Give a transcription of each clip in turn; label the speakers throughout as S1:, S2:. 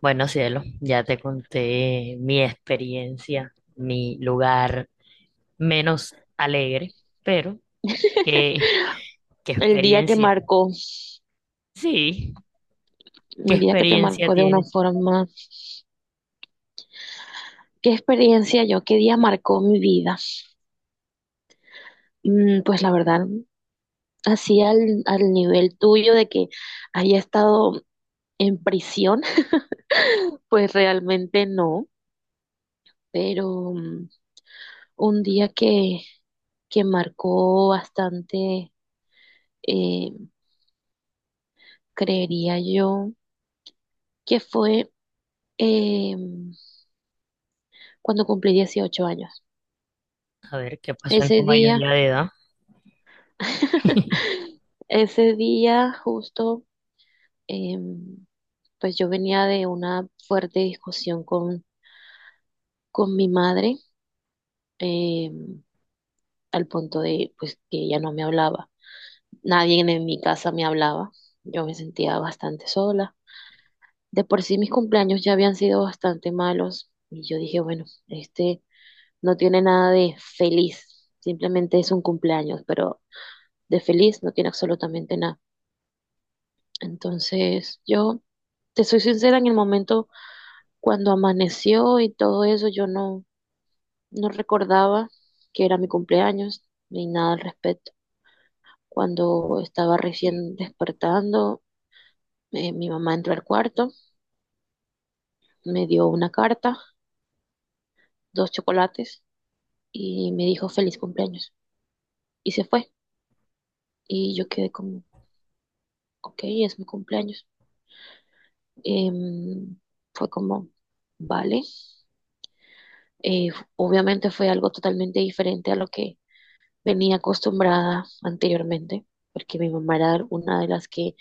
S1: Bueno, cielo, ya te conté mi experiencia, mi lugar menos alegre, pero ¿qué, qué
S2: El día que
S1: experiencia?
S2: marcó,
S1: Sí, ¿qué
S2: el día que te
S1: experiencia
S2: marcó de una
S1: tienes? ¿Tú?
S2: forma, qué experiencia yo, qué día marcó mi vida. Pues la verdad, así al nivel tuyo de que haya estado en prisión, pues realmente no, pero un día que marcó bastante, eh, creería yo, que fue eh, cuando cumplí 18 años.
S1: A ver, ¿qué pasó en tu
S2: Ese día...
S1: mayoría de edad?
S2: Ese día justo, Em, pues yo venía de una fuerte discusión con mi madre, em, al punto de pues que ella no me hablaba. Nadie en mi casa me hablaba. Yo me sentía bastante sola. De por sí mis cumpleaños ya habían sido bastante malos y yo dije, bueno, este no tiene nada de feliz, simplemente es un cumpleaños, pero de feliz no tiene absolutamente nada. Entonces, yo te soy sincera, en el momento cuando amaneció y todo eso, yo no recordaba que era mi cumpleaños ni nada al respecto. Cuando estaba recién despertando, mi mamá entró al cuarto, me dio una carta, dos chocolates y me dijo feliz cumpleaños. Y se fue. Y yo quedé como, ok, es mi cumpleaños. Em, fue como, vale. Eh, obviamente fue algo totalmente diferente a lo que venía acostumbrada anteriormente, porque mi mamá era una de las que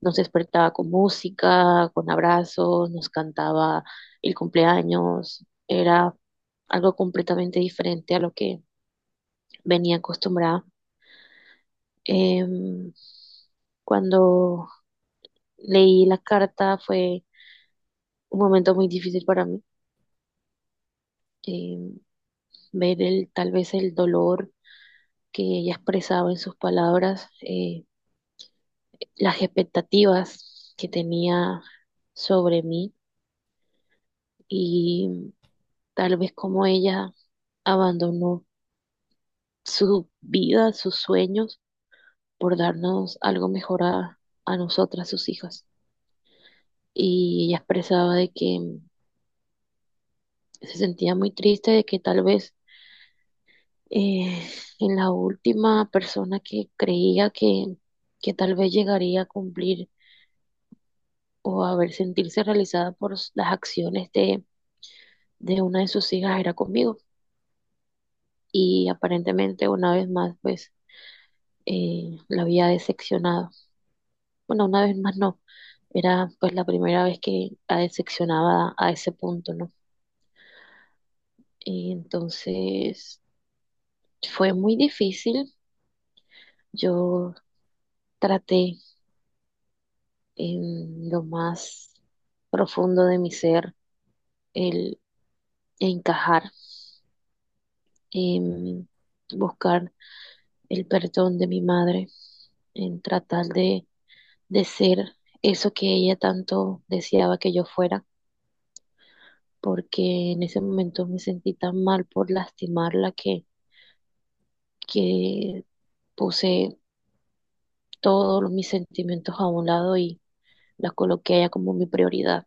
S2: nos despertaba con música, con abrazos, nos cantaba el cumpleaños, era algo completamente diferente a lo que venía acostumbrada. Em, cuando leí la carta fue un momento muy difícil para mí, em, ver el, tal vez el dolor que ella expresaba en sus palabras, las expectativas que tenía sobre mí y tal vez como ella abandonó su vida, sus sueños, por darnos algo mejor a nosotras, sus hijas. Y ella expresaba de que se sentía muy triste, de que tal vez eh, en la última persona que creía que tal vez llegaría a cumplir o a ver sentirse realizada por las acciones de una de sus hijas era conmigo. Y aparentemente una vez más, pues, la había decepcionado. Bueno, una vez más no. Era pues la primera vez que la decepcionaba a ese punto, ¿no? Y entonces fue muy difícil. Yo traté en lo más profundo de mi ser el encajar, en buscar el perdón de mi madre, en tratar de ser eso que ella tanto deseaba que yo fuera, porque en ese momento me sentí tan mal por lastimarla que que puse todos mis sentimientos a un lado y las coloqué a ella como mi prioridad.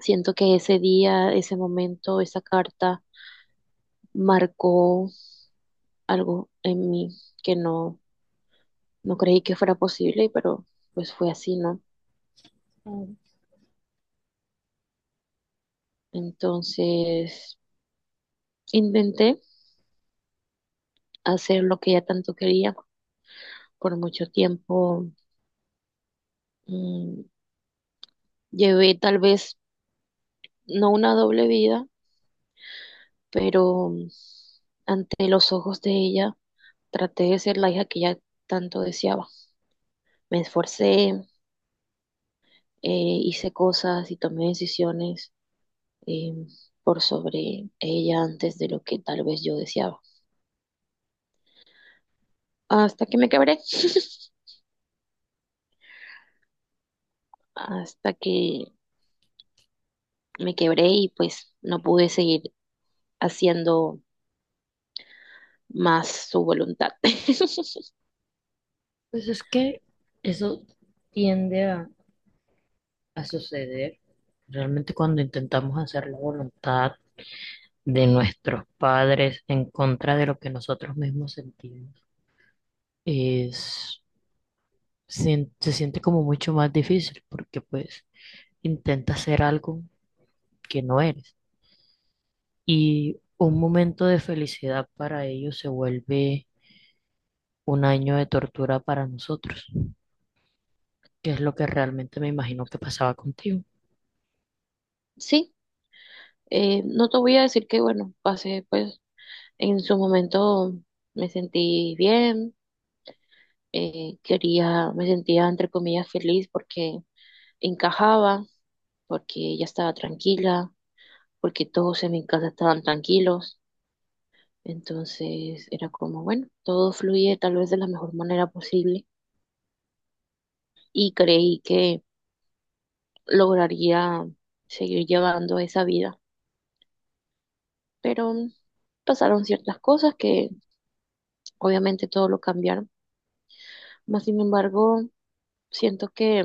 S2: Siento que ese día, ese momento, esa carta marcó algo en mí que no creí que fuera posible, pero pues fue así, ¿no? Entonces intenté hacer lo que ella tanto quería por mucho tiempo. mm, llevé tal vez no una doble vida, pero ante los ojos de ella traté de ser la hija que ella tanto deseaba. Me esforcé, hice cosas y tomé decisiones, eh, por sobre ella antes de lo que tal vez yo deseaba. Hasta que me quebré, hasta que me quebré y pues no pude seguir haciendo más su voluntad.
S1: Pues es que eso tiende a suceder. Realmente cuando intentamos hacer la voluntad de nuestros padres en contra de lo que nosotros mismos sentimos, es se siente como mucho más difícil, porque pues intentas ser algo que no eres. Y un momento de felicidad para ellos se vuelve un año de tortura para nosotros, que es lo que realmente me imagino que pasaba contigo.
S2: Sí, no te voy a decir que bueno, pasé pues en su momento me sentí bien, quería, me sentía entre comillas feliz porque encajaba, porque ella estaba tranquila, porque todos en mi casa estaban tranquilos. Entonces era como, bueno, todo fluye tal vez de la mejor manera posible y creí que lograría seguir llevando esa vida. Pero pasaron ciertas cosas que obviamente todo lo cambiaron. Más sin embargo, siento que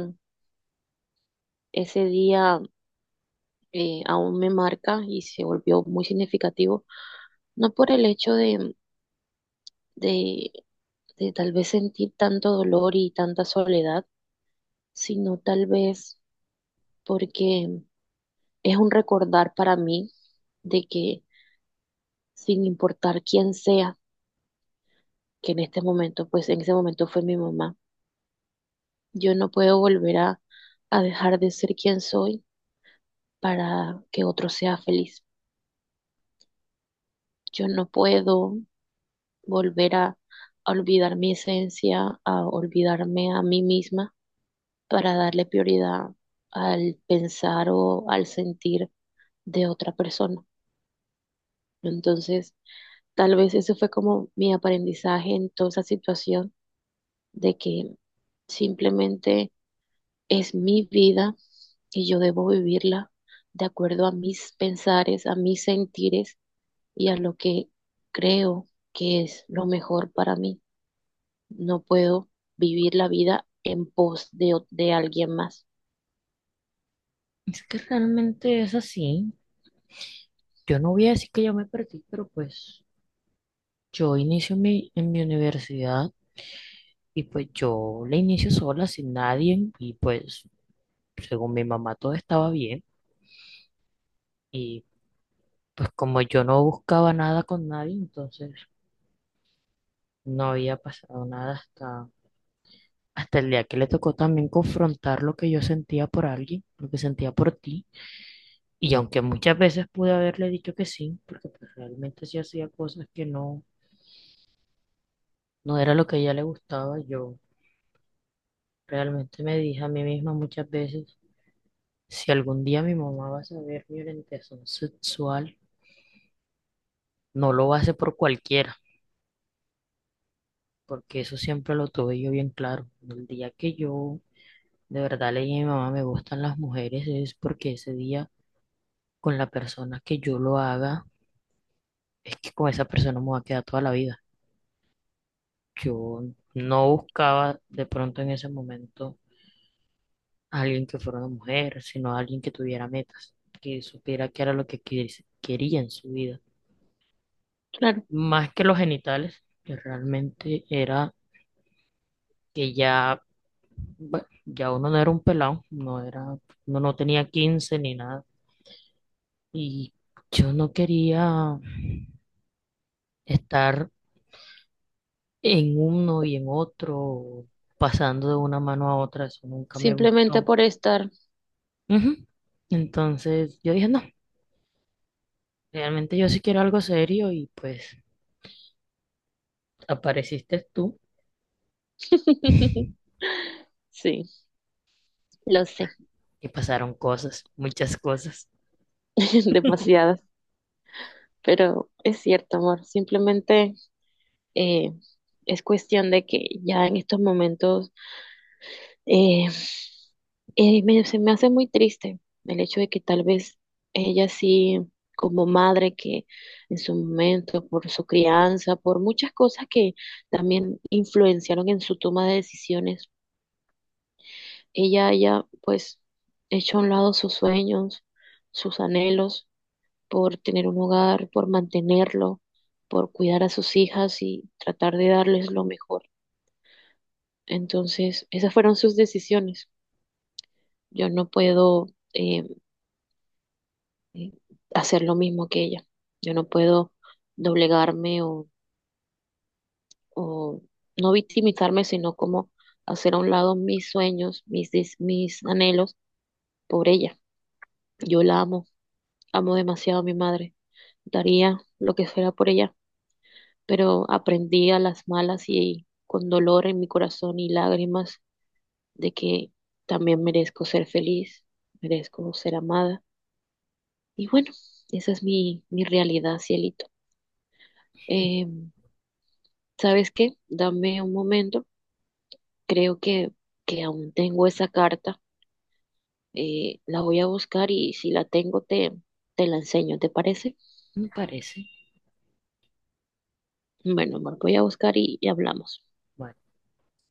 S2: ese día aún me marca y se volvió muy significativo, no por el hecho de, de tal vez sentir tanto dolor y tanta soledad, sino tal vez porque es un recordar para mí de que sin importar quién sea, que en este momento, pues en ese momento fue mi mamá, yo no puedo volver a dejar de ser quien soy para que otro sea feliz. Yo no puedo volver a olvidar mi esencia, a olvidarme a mí misma para darle prioridad al pensar o al sentir de otra persona. Entonces, tal vez eso fue como mi aprendizaje en toda esa situación de que simplemente es mi vida y yo debo vivirla de acuerdo a mis pensares, a mis sentires y a lo que creo que es lo mejor para mí. No puedo vivir la vida en pos de, o- de alguien más.
S1: Es que realmente es así. Yo no voy a decir que yo me perdí, pero pues yo inicio en mi universidad, y pues yo la inicio sola, sin nadie, y pues según mi mamá todo estaba bien. Y pues como yo no buscaba nada con nadie, entonces no había pasado nada hasta el día que le tocó también confrontar lo que yo sentía por alguien, lo que sentía por ti. Y aunque muchas veces pude haberle dicho que sí, porque pues realmente sí hacía cosas que no era lo que a ella le gustaba, yo realmente me dije a mí misma muchas veces, si algún día mi mamá va a saber mi orientación sexual, no lo va a hacer por cualquiera, porque eso siempre lo tuve yo bien claro. El día que yo de verdad le dije a mi mamá, me gustan las mujeres, es porque ese día, con la persona que yo lo haga, es que con esa persona me voy a quedar toda la vida. Yo no buscaba de pronto en ese momento a alguien que fuera una mujer, sino a alguien que tuviera metas, que supiera qué era lo que quería en su vida.
S2: Claro,
S1: Más que los genitales, que realmente era que ya, bueno, ya uno no era un pelado, no era, uno no tenía 15 ni nada. Y yo no quería estar en uno y en otro, pasando de una mano a otra, eso nunca me
S2: simplemente
S1: gustó.
S2: por estar.
S1: Ujú. Entonces yo dije, no, realmente yo sí quiero algo serio, y pues apareciste tú. Y
S2: Sí, lo sé.
S1: pasaron cosas, muchas cosas.
S2: Demasiadas, pero es cierto, amor, simplemente eh, es cuestión de que ya en estos momentos eh, me- se me hace muy triste el hecho de que tal vez ella sí, como madre que en su momento, por su crianza, por muchas cosas que también influenciaron en su toma de decisiones, ella haya pues hecho a un lado sus sueños, sus anhelos por tener un hogar, por mantenerlo, por cuidar a sus hijas y tratar de darles lo mejor. Entonces, esas fueron sus decisiones. Yo no puedo eh, eh, hacer lo mismo que ella. Yo no puedo doblegarme o no victimizarme, sino como hacer a un lado mis sueños, des- mis anhelos por ella. Yo la amo, amo demasiado a mi madre. Daría lo que fuera por ella. Pero aprendí a las malas y con dolor en mi corazón y lágrimas de que también merezco ser feliz, merezco ser amada. Y bueno, esa es mi realidad, cielito. Eh, ¿Sabes qué? Dame un momento. Creo que aún tengo esa carta. La voy a buscar y si la tengo te la enseño, ¿te parece?
S1: Me parece.
S2: Bueno, amor, voy a buscar y hablamos.
S1: Bueno.